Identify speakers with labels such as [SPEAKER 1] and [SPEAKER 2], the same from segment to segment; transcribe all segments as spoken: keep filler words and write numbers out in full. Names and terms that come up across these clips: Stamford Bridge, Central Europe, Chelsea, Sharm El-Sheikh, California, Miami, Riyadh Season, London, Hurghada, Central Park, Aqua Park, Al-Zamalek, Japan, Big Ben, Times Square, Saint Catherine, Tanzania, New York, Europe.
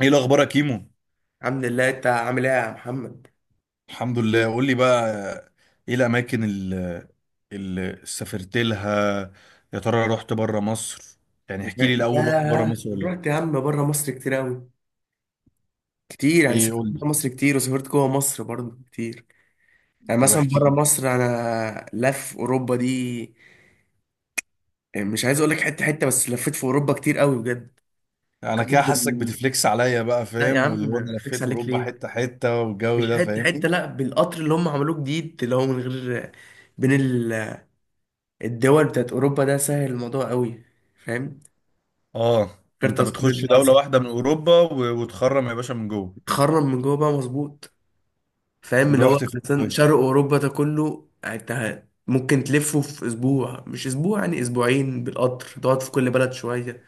[SPEAKER 1] ايه الاخبار يا كيمو؟
[SPEAKER 2] الحمد لله. انت عامل ايه يا محمد؟
[SPEAKER 1] الحمد لله. قول لي بقى، ايه الاماكن اللي, اللي سافرت لها؟ يا ترى رحت بره مصر؟ يعني احكي لي الاول، رحت بره
[SPEAKER 2] ياه،
[SPEAKER 1] مصر ولا لا؟
[SPEAKER 2] رحت يا عم بره مصر كتير قوي. كتير، يعني
[SPEAKER 1] ايه
[SPEAKER 2] سافرت
[SPEAKER 1] قول لي.
[SPEAKER 2] بره مصر كتير وسافرت جوه مصر برضه كتير. يعني
[SPEAKER 1] طب
[SPEAKER 2] مثلا
[SPEAKER 1] احكي
[SPEAKER 2] بره
[SPEAKER 1] لي.
[SPEAKER 2] مصر انا لف اوروبا دي. مش عايز اقول لك حته حته، بس لفيت في اوروبا كتير قوي بجد.
[SPEAKER 1] انا
[SPEAKER 2] وكمان
[SPEAKER 1] كده حاسك
[SPEAKER 2] بال...
[SPEAKER 1] بتفليكس عليا بقى،
[SPEAKER 2] لا يا
[SPEAKER 1] فاهم؟ واللي
[SPEAKER 2] عم،
[SPEAKER 1] هو انا
[SPEAKER 2] فليكس
[SPEAKER 1] لفيت
[SPEAKER 2] عليك
[SPEAKER 1] اوروبا
[SPEAKER 2] ليه؟
[SPEAKER 1] حته حته والجو
[SPEAKER 2] مش
[SPEAKER 1] ده،
[SPEAKER 2] حته
[SPEAKER 1] فاهمني؟
[SPEAKER 2] حته، لا، بالقطر اللي هم عملوه جديد، اللي هو من غير بين ال- الدول بتاعت اوروبا ده. سهل الموضوع قوي، فاهم؟
[SPEAKER 1] اه.
[SPEAKER 2] غير
[SPEAKER 1] فانت
[SPEAKER 2] تذكره
[SPEAKER 1] بتخش
[SPEAKER 2] بقى،
[SPEAKER 1] دوله
[SPEAKER 2] صح؟
[SPEAKER 1] واحده من اوروبا و- وتخرم يا باشا من جوه.
[SPEAKER 2] تخرم من جوه بقى، مظبوط. فاهم، اللي هو
[SPEAKER 1] ورحت فين
[SPEAKER 2] مثلا
[SPEAKER 1] طيب؟
[SPEAKER 2] شرق اوروبا ده كله انت ممكن تلفه في اسبوع، مش اسبوع يعني اسبوعين بالقطر، تقعد في كل بلد شويه.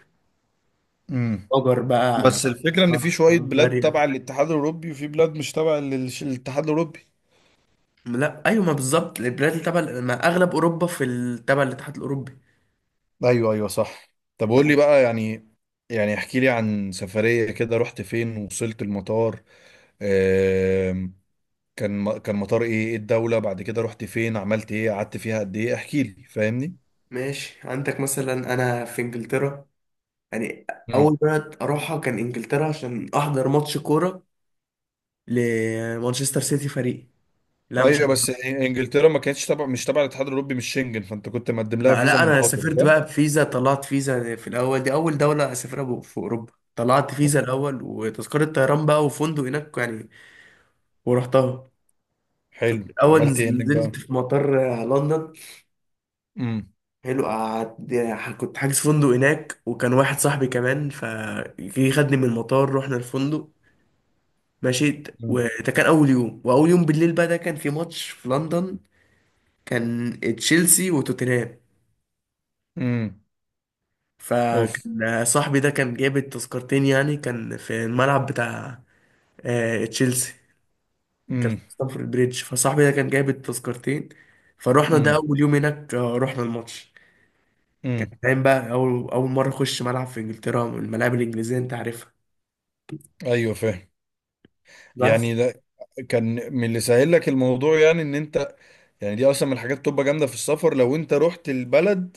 [SPEAKER 1] امم
[SPEAKER 2] أجر بقى على
[SPEAKER 1] بس الفكرة إن في
[SPEAKER 2] آه،
[SPEAKER 1] شوية بلاد
[SPEAKER 2] بلغاريا.
[SPEAKER 1] تبع الاتحاد الأوروبي وفي بلاد مش تبع للش- الاتحاد الأوروبي.
[SPEAKER 2] لا ايوه، ما بالظبط البلاد اللي تبع، ما اغلب اوروبا في ال- تبع الاتحاد الاوروبي.
[SPEAKER 1] ايوه ايوه صح. طب قول لي بقى، يعني يعني احكي لي عن سفرية كده، رحت فين؟ وصلت المطار، آم، كان كان مطار ايه؟ ايه الدولة؟ بعد كده رحت فين؟ عملت ايه؟ قعدت فيها قد ايه؟ احكي لي فاهمني.
[SPEAKER 2] ماشي، عندك مثلا انا في انجلترا، يعني
[SPEAKER 1] مم.
[SPEAKER 2] اول بلد اروحها كان انجلترا عشان احضر ماتش كوره لمانشستر سيتي فريق. لا، مش
[SPEAKER 1] ايوه بس إن- انجلترا ما كانتش تبع، مش تبع الاتحاد الاوروبي، مش شنجن، فانت كنت مقدم لها
[SPEAKER 2] بقى.
[SPEAKER 1] فيزا
[SPEAKER 2] لا انا
[SPEAKER 1] منفصلة
[SPEAKER 2] سافرت
[SPEAKER 1] صح؟
[SPEAKER 2] بقى بفيزا، طلعت فيزا في الاول، دي اول دوله اسافرها ب- في اوروبا، طلعت فيزا الاول وتذكره طيران بقى وفندق هناك يعني، ورحتها.
[SPEAKER 1] حلو
[SPEAKER 2] الاول
[SPEAKER 1] عملت ايه هناك بقى؟
[SPEAKER 2] نزلت في مطار آه، لندن.
[SPEAKER 1] امم.
[SPEAKER 2] حلو، قعدت، كنت حاجز فندق هناك، وكان واحد صاحبي كمان فجه خدني من المطار، رحنا الفندق، مشيت.
[SPEAKER 1] امم.
[SPEAKER 2] وده كان اول يوم، واول يوم بالليل بقى ده كان في ماتش في لندن. كان تشيلسي وتوتنهام.
[SPEAKER 1] امم. اوف.
[SPEAKER 2] فكان صاحبي ده كان جايب التذكرتين، يعني كان في الملعب بتاع آه، تشيلسي. كان في
[SPEAKER 1] امم.
[SPEAKER 2] ستامفورد بريدج، فصاحبي ده كان جايب التذكرتين، فروحنا ده
[SPEAKER 1] امم.
[SPEAKER 2] اول يوم هناك، آه، رحنا الماتش. كان
[SPEAKER 1] امم.
[SPEAKER 2] فاهم بقى، اول اول مره اخش ملعب في انجلترا، الملاعب الانجليزيه انت عارفها.
[SPEAKER 1] ايوه فاهم.
[SPEAKER 2] بس.
[SPEAKER 1] يعني ده كان من اللي سهل لك الموضوع، يعني ان انت يعني دي اصلا من الحاجات بتبقى جامده في السفر لو انت رحت البلد.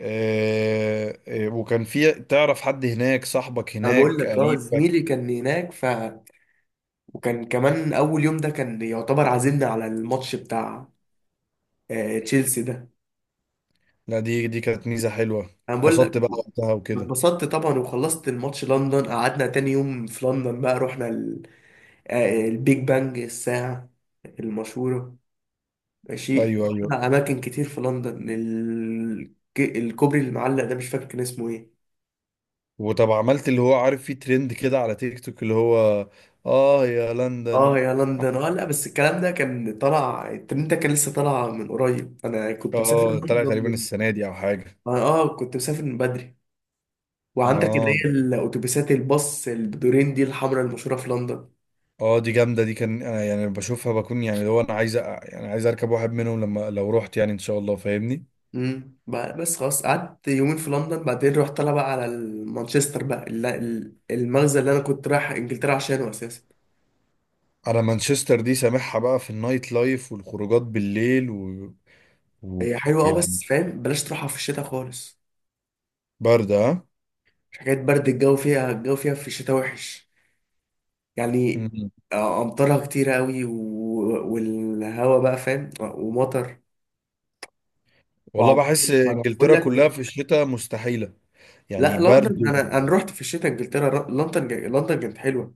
[SPEAKER 1] آه، آه، وكان في تعرف حد هناك؟ صاحبك
[SPEAKER 2] انا بقول
[SPEAKER 1] هناك؟
[SPEAKER 2] لك، اه، زميلي
[SPEAKER 1] قريبك؟
[SPEAKER 2] كان هناك، ف، وكان كمان اول يوم ده كان يعتبر عازمنا على الماتش بتاع آه، تشيلسي ده.
[SPEAKER 1] لا، دي دي كانت ميزه حلوه.
[SPEAKER 2] انا بقول
[SPEAKER 1] اتبسطت
[SPEAKER 2] لك،
[SPEAKER 1] بقى وقتها وكده.
[SPEAKER 2] اتبسطت طبعا. وخلصت الماتش لندن، قعدنا تاني يوم في لندن بقى، رحنا ال- آه، البيج بانج، الساعة المشهورة. ماشي،
[SPEAKER 1] ايوه ايوه.
[SPEAKER 2] رحنا أماكن كتير في لندن، ال- ك- الكوبري المعلق ده مش فاكر كان اسمه ايه.
[SPEAKER 1] وطب عملت اللي هو عارف فيه ترند كده على تيك توك، اللي هو اه يا
[SPEAKER 2] اه
[SPEAKER 1] لندن؟
[SPEAKER 2] يا لندن، اه، لا بس الكلام ده كان طالع، الترند ده كان لسه طالع من قريب، انا كنت مسافر
[SPEAKER 1] اه طلع
[SPEAKER 2] لندن
[SPEAKER 1] تقريبا
[SPEAKER 2] من
[SPEAKER 1] السنه دي او حاجه.
[SPEAKER 2] اه، آه، كنت مسافر من بدري. وعندك اللي
[SPEAKER 1] اه
[SPEAKER 2] هي الاتوبيسات، الباص البدورين دي الحمراء المشهورة في لندن.
[SPEAKER 1] اه، دي جامده. دي كان أنا يعني بشوفها، بكون يعني لو انا عايز أ- يعني عايز اركب واحد منهم لما لو رحت، يعني ان شاء الله فاهمني.
[SPEAKER 2] امم بقى- بس خلاص، قعدت يومين في لندن، بعدين رحت طالع بقى على ال- مانشستر بقى، الل- ال- المغزى اللي انا كنت رايح انجلترا عشانه اساسا.
[SPEAKER 1] انا مانشستر دي سامعها بقى في النايت لايف والخروجات بالليل و... و...
[SPEAKER 2] هي حلوه اه،
[SPEAKER 1] يعني
[SPEAKER 2] بس فاهم، بلاش تروحها في الشتاء خالص.
[SPEAKER 1] برد ها؟
[SPEAKER 2] حكايه برد، الجو فيها، الجو فيها في الشتاء وحش يعني.
[SPEAKER 1] مم.
[SPEAKER 2] آه، امطارها كتير قوي و- والهوا بقى، فاهم، ومطر
[SPEAKER 1] والله
[SPEAKER 2] وعواصف
[SPEAKER 1] بحس
[SPEAKER 2] بقول
[SPEAKER 1] انجلترا كلها
[SPEAKER 2] لك.
[SPEAKER 1] في الشتاء مستحيله. يعني
[SPEAKER 2] لا لندن،
[SPEAKER 1] برد.
[SPEAKER 2] انا انا رحت في الشتاء انجلترا، لندن، لندن كانت حلوه.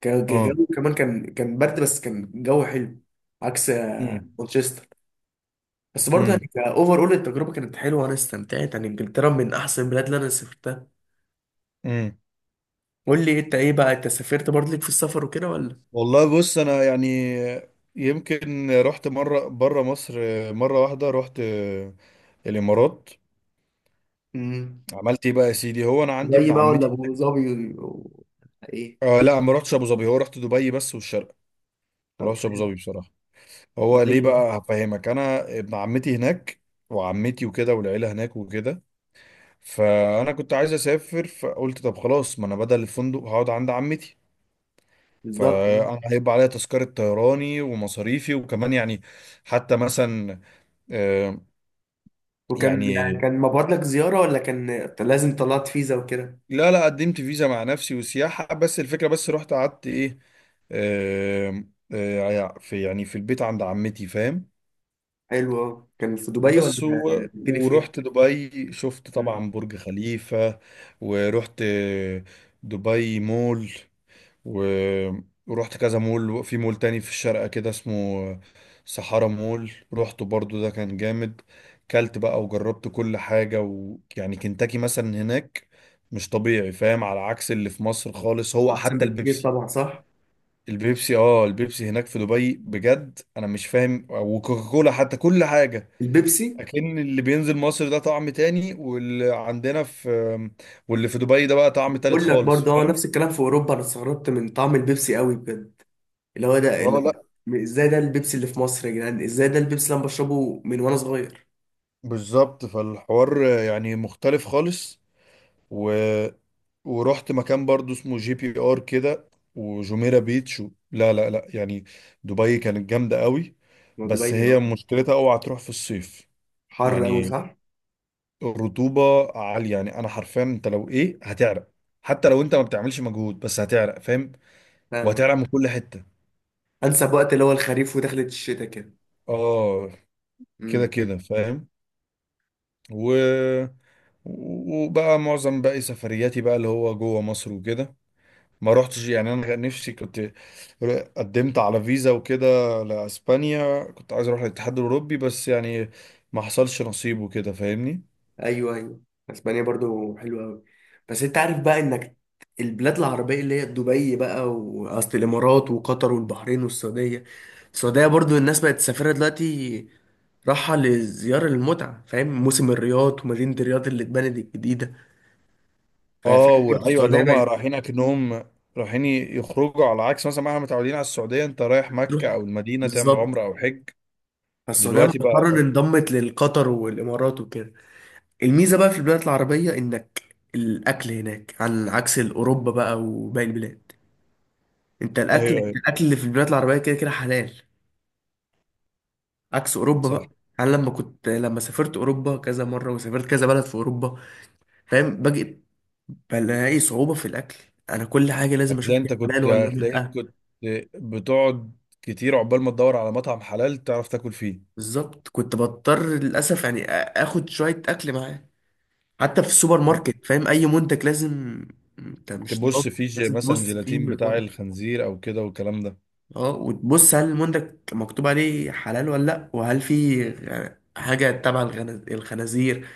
[SPEAKER 2] كان كان-
[SPEAKER 1] اه.
[SPEAKER 2] جو كمان، كان كان برد بس كان جو حلو. عكس آه،
[SPEAKER 1] مم.
[SPEAKER 2] مانشستر. بس برضه
[SPEAKER 1] مم.
[SPEAKER 2] يعني كاوفر، اول التجربه كانت حلوه وانا استمتعت، يعني انجلترا من احسن البلاد اللي انا سافرتها.
[SPEAKER 1] مم.
[SPEAKER 2] قول لي انت ايه بقى؟ انت سافرت برضه، ليك في السفر وكده ولا؟
[SPEAKER 1] والله بص انا يعني يمكن رحت مره بره مصر. مره واحده رحت الامارات.
[SPEAKER 2] امم.
[SPEAKER 1] عملت ايه بقى يا سيدي؟ هو انا عندي ابن
[SPEAKER 2] دبي بقى ولا
[SPEAKER 1] عمتي.
[SPEAKER 2] ابو ظبي و- ايه؟
[SPEAKER 1] آه لا، ما رحتش ابو ظبي، هو رحت دبي بس، والشرق ما
[SPEAKER 2] طب
[SPEAKER 1] رحتش ابو
[SPEAKER 2] حلو.
[SPEAKER 1] ظبي بصراحه. هو ليه
[SPEAKER 2] دبي بقى.
[SPEAKER 1] بقى هفهمك، انا ابن عمتي هناك وعمتي وكده والعيله هناك وكده، فانا كنت عايز اسافر فقلت طب خلاص، ما انا بدل الفندق هقعد عند عمتي.
[SPEAKER 2] بالظبط آه.
[SPEAKER 1] فانا هيبقى عليا تذكره طيراني ومصاريفي وكمان يعني، حتى مثلا آه
[SPEAKER 2] وكان،
[SPEAKER 1] يعني.
[SPEAKER 2] كان مبعوت لك زياره ولا كان لازم طلعت فيزا وكده؟
[SPEAKER 1] لا لا، قدمت فيزا مع نفسي وسياحه، بس الفكره بس رحت قعدت ايه؟ آه آه، يعني في يعني في البيت عند عمتي فاهم.
[SPEAKER 2] حلو أوي. كان في دبي ولا؟
[SPEAKER 1] بس و...
[SPEAKER 2] قلت لي فين؟
[SPEAKER 1] ورحت دبي شفت
[SPEAKER 2] مم.
[SPEAKER 1] طبعا برج خليفة. ورحت دبي مول و... ورحت كذا مول، في مول تاني في الشارقة كده اسمه سحارة مول، رحته برضو ده كان جامد. كلت بقى وجربت كل حاجة ويعني كنتاكي مثلا هناك مش طبيعي فاهم، على عكس اللي في مصر خالص. هو
[SPEAKER 2] احسن
[SPEAKER 1] حتى
[SPEAKER 2] بكتير
[SPEAKER 1] البيبسي،
[SPEAKER 2] طبعا، صح.
[SPEAKER 1] البيبسي اه، البيبسي هناك في دبي بجد انا مش فاهم، وكوكاكولا حتى كل حاجة.
[SPEAKER 2] البيبسي.
[SPEAKER 1] اكن اللي بينزل مصر ده طعم تاني، واللي عندنا في واللي في دبي ده بقى طعم تالت
[SPEAKER 2] بقول لك
[SPEAKER 1] خالص
[SPEAKER 2] برضه، هو
[SPEAKER 1] فاهم؟
[SPEAKER 2] نفس الكلام في اوروبا، انا استغربت من طعم البيبسي قوي بجد. اللي هو ده اللي،
[SPEAKER 1] اه لا
[SPEAKER 2] هو ازاي ده البيبسي اللي في مصر يا جدعان؟ ازاي ده البيبسي اللي انا بشربه من وانا صغير؟
[SPEAKER 1] بالظبط، فالحوار يعني مختلف خالص. و... ورحت مكان برضو اسمه جي بي ار كده، وجميرة بيتش و... لا لا لا، يعني دبي كانت جامدة قوي.
[SPEAKER 2] ما
[SPEAKER 1] بس
[SPEAKER 2] دبي اه.
[SPEAKER 1] هي مشكلتها اوعى تروح في الصيف
[SPEAKER 2] حر قوي،
[SPEAKER 1] يعني.
[SPEAKER 2] صح.
[SPEAKER 1] الرطوبة عالية، يعني انا حرفيا انت لو ايه هتعرق، حتى لو انت ما بتعملش مجهود بس هتعرق فاهم؟
[SPEAKER 2] فاهمك.
[SPEAKER 1] وهتعرق من كل حتة.
[SPEAKER 2] انسب وقت اللي هو الخريف ودخلة الشتاء
[SPEAKER 1] اه كده
[SPEAKER 2] كده.
[SPEAKER 1] كده فاهم. و وبقى معظم باقي سفرياتي بقى اللي هو جوه مصر وكده، ما روحتش يعني. انا كان نفسي كنت قدمت على فيزا وكده لاسبانيا، كنت عايز اروح الاتحاد الاوروبي بس يعني ما حصلش نصيب وكده فاهمني.
[SPEAKER 2] ايوه ايوه. اسبانيا برضو حلوه قوي. بس انت عارف بقى انك، البلاد العربيه اللي هي دبي بقى، واصل، الامارات وقطر والبحرين والسعوديه. السعوديه برضو الناس بقت تسافرها دلوقتي، راحه لزياره المتعه، فاهم، موسم الرياض ومدينه الرياض اللي اتبنت الجديده.
[SPEAKER 1] اه،
[SPEAKER 2] ففاهم برضو
[SPEAKER 1] وايوه اللي
[SPEAKER 2] السعوديه
[SPEAKER 1] هما
[SPEAKER 2] بقت
[SPEAKER 1] رايحين اكنهم رايحين يخرجوا، على عكس مثلا ما احنا متعودين على السعوديه، انت رايح
[SPEAKER 2] تروح.
[SPEAKER 1] مكه او المدينه تعمل
[SPEAKER 2] بالظبط.
[SPEAKER 1] عمره او حج.
[SPEAKER 2] فالسعوديه
[SPEAKER 1] دلوقتي بقى.
[SPEAKER 2] مؤخرا انضمت للقطر والامارات وكده. الميزه بقى في البلاد العربيه انك، الاكل هناك عن عكس اوروبا بقى وباقي البلاد. انت الاكل
[SPEAKER 1] ايوه ايوه
[SPEAKER 2] انت الاكل اللي في البلاد العربيه كده كده حلال. عكس اوروبا
[SPEAKER 1] صح.
[SPEAKER 2] بقى. انا لما كنت لما سافرت اوروبا كذا مره، وسافرت كذا بلد في اوروبا، فاهم، باجي بلاقي صعوبه في الاكل. انا كل حاجه لازم
[SPEAKER 1] هتلاقي
[SPEAKER 2] اشوف دي
[SPEAKER 1] انت
[SPEAKER 2] حلال
[SPEAKER 1] كنت
[SPEAKER 2] ولا
[SPEAKER 1] هتلاقيك
[SPEAKER 2] لا.
[SPEAKER 1] كنت بتقعد كتير عقبال ما تدور على مطعم حلال تعرف تاكل فيه.
[SPEAKER 2] بالظبط. كنت بضطر للاسف يعني آ- اخد شويه اكل معايا. حتى في السوبر ماركت، فاهم، اي منتج لازم، انت مش ضامن،
[SPEAKER 1] تبص فيه ج-
[SPEAKER 2] لازم
[SPEAKER 1] مثلا
[SPEAKER 2] تبص فيه
[SPEAKER 1] جيلاتين
[SPEAKER 2] من
[SPEAKER 1] بتاع
[SPEAKER 2] ورا.
[SPEAKER 1] الخنزير او كده والكلام ده.
[SPEAKER 2] اه، وتبص هل المنتج مكتوب عليه حلال ولا لا، وهل في غ- حاجة تبع الغن- الخنازير،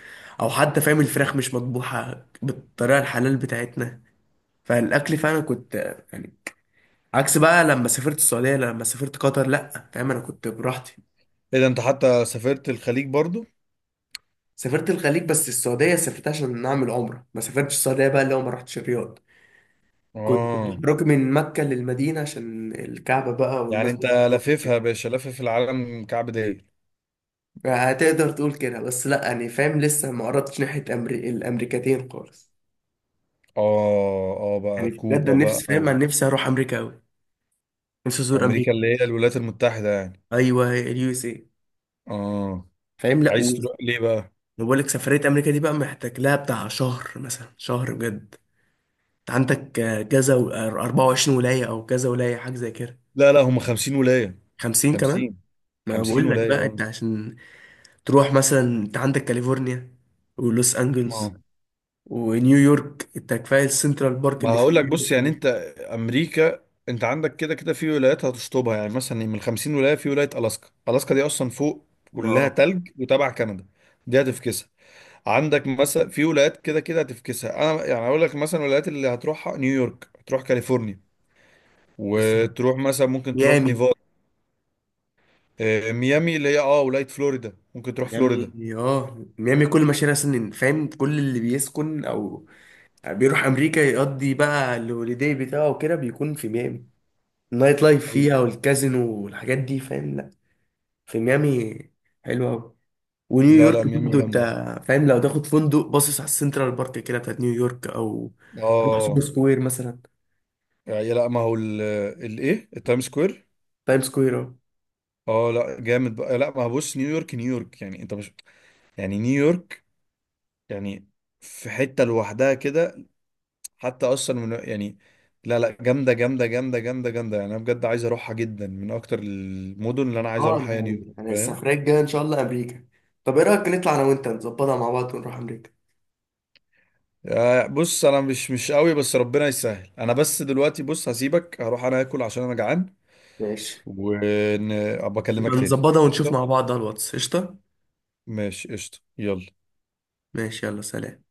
[SPEAKER 2] او حتى فاهم الفراخ مش مطبوحة بالطريقة الحلال بتاعتنا. فالاكل فعلا كنت يعني، عكس بقى لما سافرت السعودية، لما سافرت قطر، لا فاهم انا كنت براحتي.
[SPEAKER 1] ايه ده انت حتى سافرت الخليج برضو؟
[SPEAKER 2] سافرت الخليج، بس السعودية سافرت عشان نعمل عمرة، ما سافرتش السعودية بقى اللي هو، ما رحتش الرياض. كنت
[SPEAKER 1] اه
[SPEAKER 2] بروح من مكة للمدينة عشان الكعبة بقى
[SPEAKER 1] يعني انت
[SPEAKER 2] والمسجد.
[SPEAKER 1] لفيفها يا باشا، لفف العالم كعب داير.
[SPEAKER 2] هتقدر تقول كده، بس لا يعني فاهم، لسه ما قربتش ناحية أمري... الأمريكتين خالص.
[SPEAKER 1] اه اه بقى
[SPEAKER 2] يعني بجد
[SPEAKER 1] كوبا
[SPEAKER 2] أنا
[SPEAKER 1] بقى.
[SPEAKER 2] نفسي، فاهم، أنا نفسي أروح أمريكا أوي، نفسي أزور
[SPEAKER 1] وامريكا
[SPEAKER 2] أمريكا.
[SPEAKER 1] اللي هي الولايات المتحدة يعني.
[SPEAKER 2] أيوه، اليو اس إيه.
[SPEAKER 1] اه.
[SPEAKER 2] فاهم لا
[SPEAKER 1] عايز
[SPEAKER 2] و-
[SPEAKER 1] تروح ليه بقى؟
[SPEAKER 2] بقول لك سفرية أمريكا دي بقى محتاج لها بتاع شهر، مثلا شهر بجد. أنت عندك آه، كذا و- آه، أربعة وعشرين ولاية أو كذا ولاية حاجة زي كده.
[SPEAKER 1] لا لا، هم خمسين ولاية.
[SPEAKER 2] خمسين كمان؟
[SPEAKER 1] خمسين.
[SPEAKER 2] ما
[SPEAKER 1] خمسين
[SPEAKER 2] بقول لك بقى،
[SPEAKER 1] ولاية.
[SPEAKER 2] أنت عشان تروح، مثلا أنت عندك كاليفورنيا ولوس
[SPEAKER 1] اه
[SPEAKER 2] أنجلز ونيويورك. أنت كفاية السنترال بارك
[SPEAKER 1] ما
[SPEAKER 2] اللي في
[SPEAKER 1] هقول لك بص،
[SPEAKER 2] نيويورك
[SPEAKER 1] يعني
[SPEAKER 2] دي.
[SPEAKER 1] انت امريكا انت عندك كده كده في ولايات هتشطبها، يعني مثلا من خمسين ولايه في ولايه الاسكا، الاسكا دي اصلا فوق
[SPEAKER 2] ما
[SPEAKER 1] كلها
[SPEAKER 2] اه،
[SPEAKER 1] تلج وتبع كندا، دي هتفكسها. عندك مثلا في ولايات كده كده هتفكسها. انا يعني اقول لك مثلا الولايات اللي هتروحها نيويورك، هتروح كاليفورنيا،
[SPEAKER 2] بس
[SPEAKER 1] وتروح مثلا ممكن تروح
[SPEAKER 2] ميامي
[SPEAKER 1] نيفادا. آه، ميامي اللي هي اه ولايه فلوريدا، ممكن تروح
[SPEAKER 2] ميامي
[SPEAKER 1] فلوريدا.
[SPEAKER 2] اه، ميامي كل مشاريع سنين، فاهم، كل اللي بيسكن او بيروح امريكا يقضي بقى الهوليداي بتاعه وكده بيكون في ميامي. النايت لايف
[SPEAKER 1] حقيقي.
[SPEAKER 2] فيها والكازينو والحاجات دي، فاهم، لا في ميامي حلوة أوي.
[SPEAKER 1] لا لا
[SPEAKER 2] ونيويورك
[SPEAKER 1] ميامي
[SPEAKER 2] برضه، انت
[SPEAKER 1] جامده.
[SPEAKER 2] فاهم، لو تاخد فندق باصص على السنترال بارك كده بتاعت نيويورك، او تروح سوبر
[SPEAKER 1] اه،
[SPEAKER 2] سكوير مثلا.
[SPEAKER 1] يعني لا ما هو الايه التايم سكوير.
[SPEAKER 2] تايم سكوير اهو.
[SPEAKER 1] اه لا جامد بقى. لا ما هو بص، نيويورك نيويورك يعني انت مش يعني نيويورك يعني في حتة لوحدها كده، حتى اصلا من يعني لا لا، جامدة جامدة جامدة جامدة جامدة يعني. انا بجد عايز اروحها جدا، من اكتر المدن اللي انا عايز
[SPEAKER 2] اه
[SPEAKER 1] اروحها هي
[SPEAKER 2] انا،
[SPEAKER 1] نيويورك
[SPEAKER 2] انا
[SPEAKER 1] فاهم؟
[SPEAKER 2] السفرية الجاية ان شاء الله امريكا. طب ايه رأيك نطلع انا وانت نظبطها مع بعض ونروح امريكا؟
[SPEAKER 1] آه، بص انا مش مش قوي بس ربنا يسهل، انا بس دلوقتي بص هسيبك، هروح انا اكل عشان انا جعان،
[SPEAKER 2] ماشي.
[SPEAKER 1] وابقى اكلمك
[SPEAKER 2] يبقى
[SPEAKER 1] تاني
[SPEAKER 2] نظبطها ونشوف مع
[SPEAKER 1] قشطة.
[SPEAKER 2] بعض على الواتس. قشطة.
[SPEAKER 1] ماشي قشطة يلا.
[SPEAKER 2] ماشي يلا، سلام.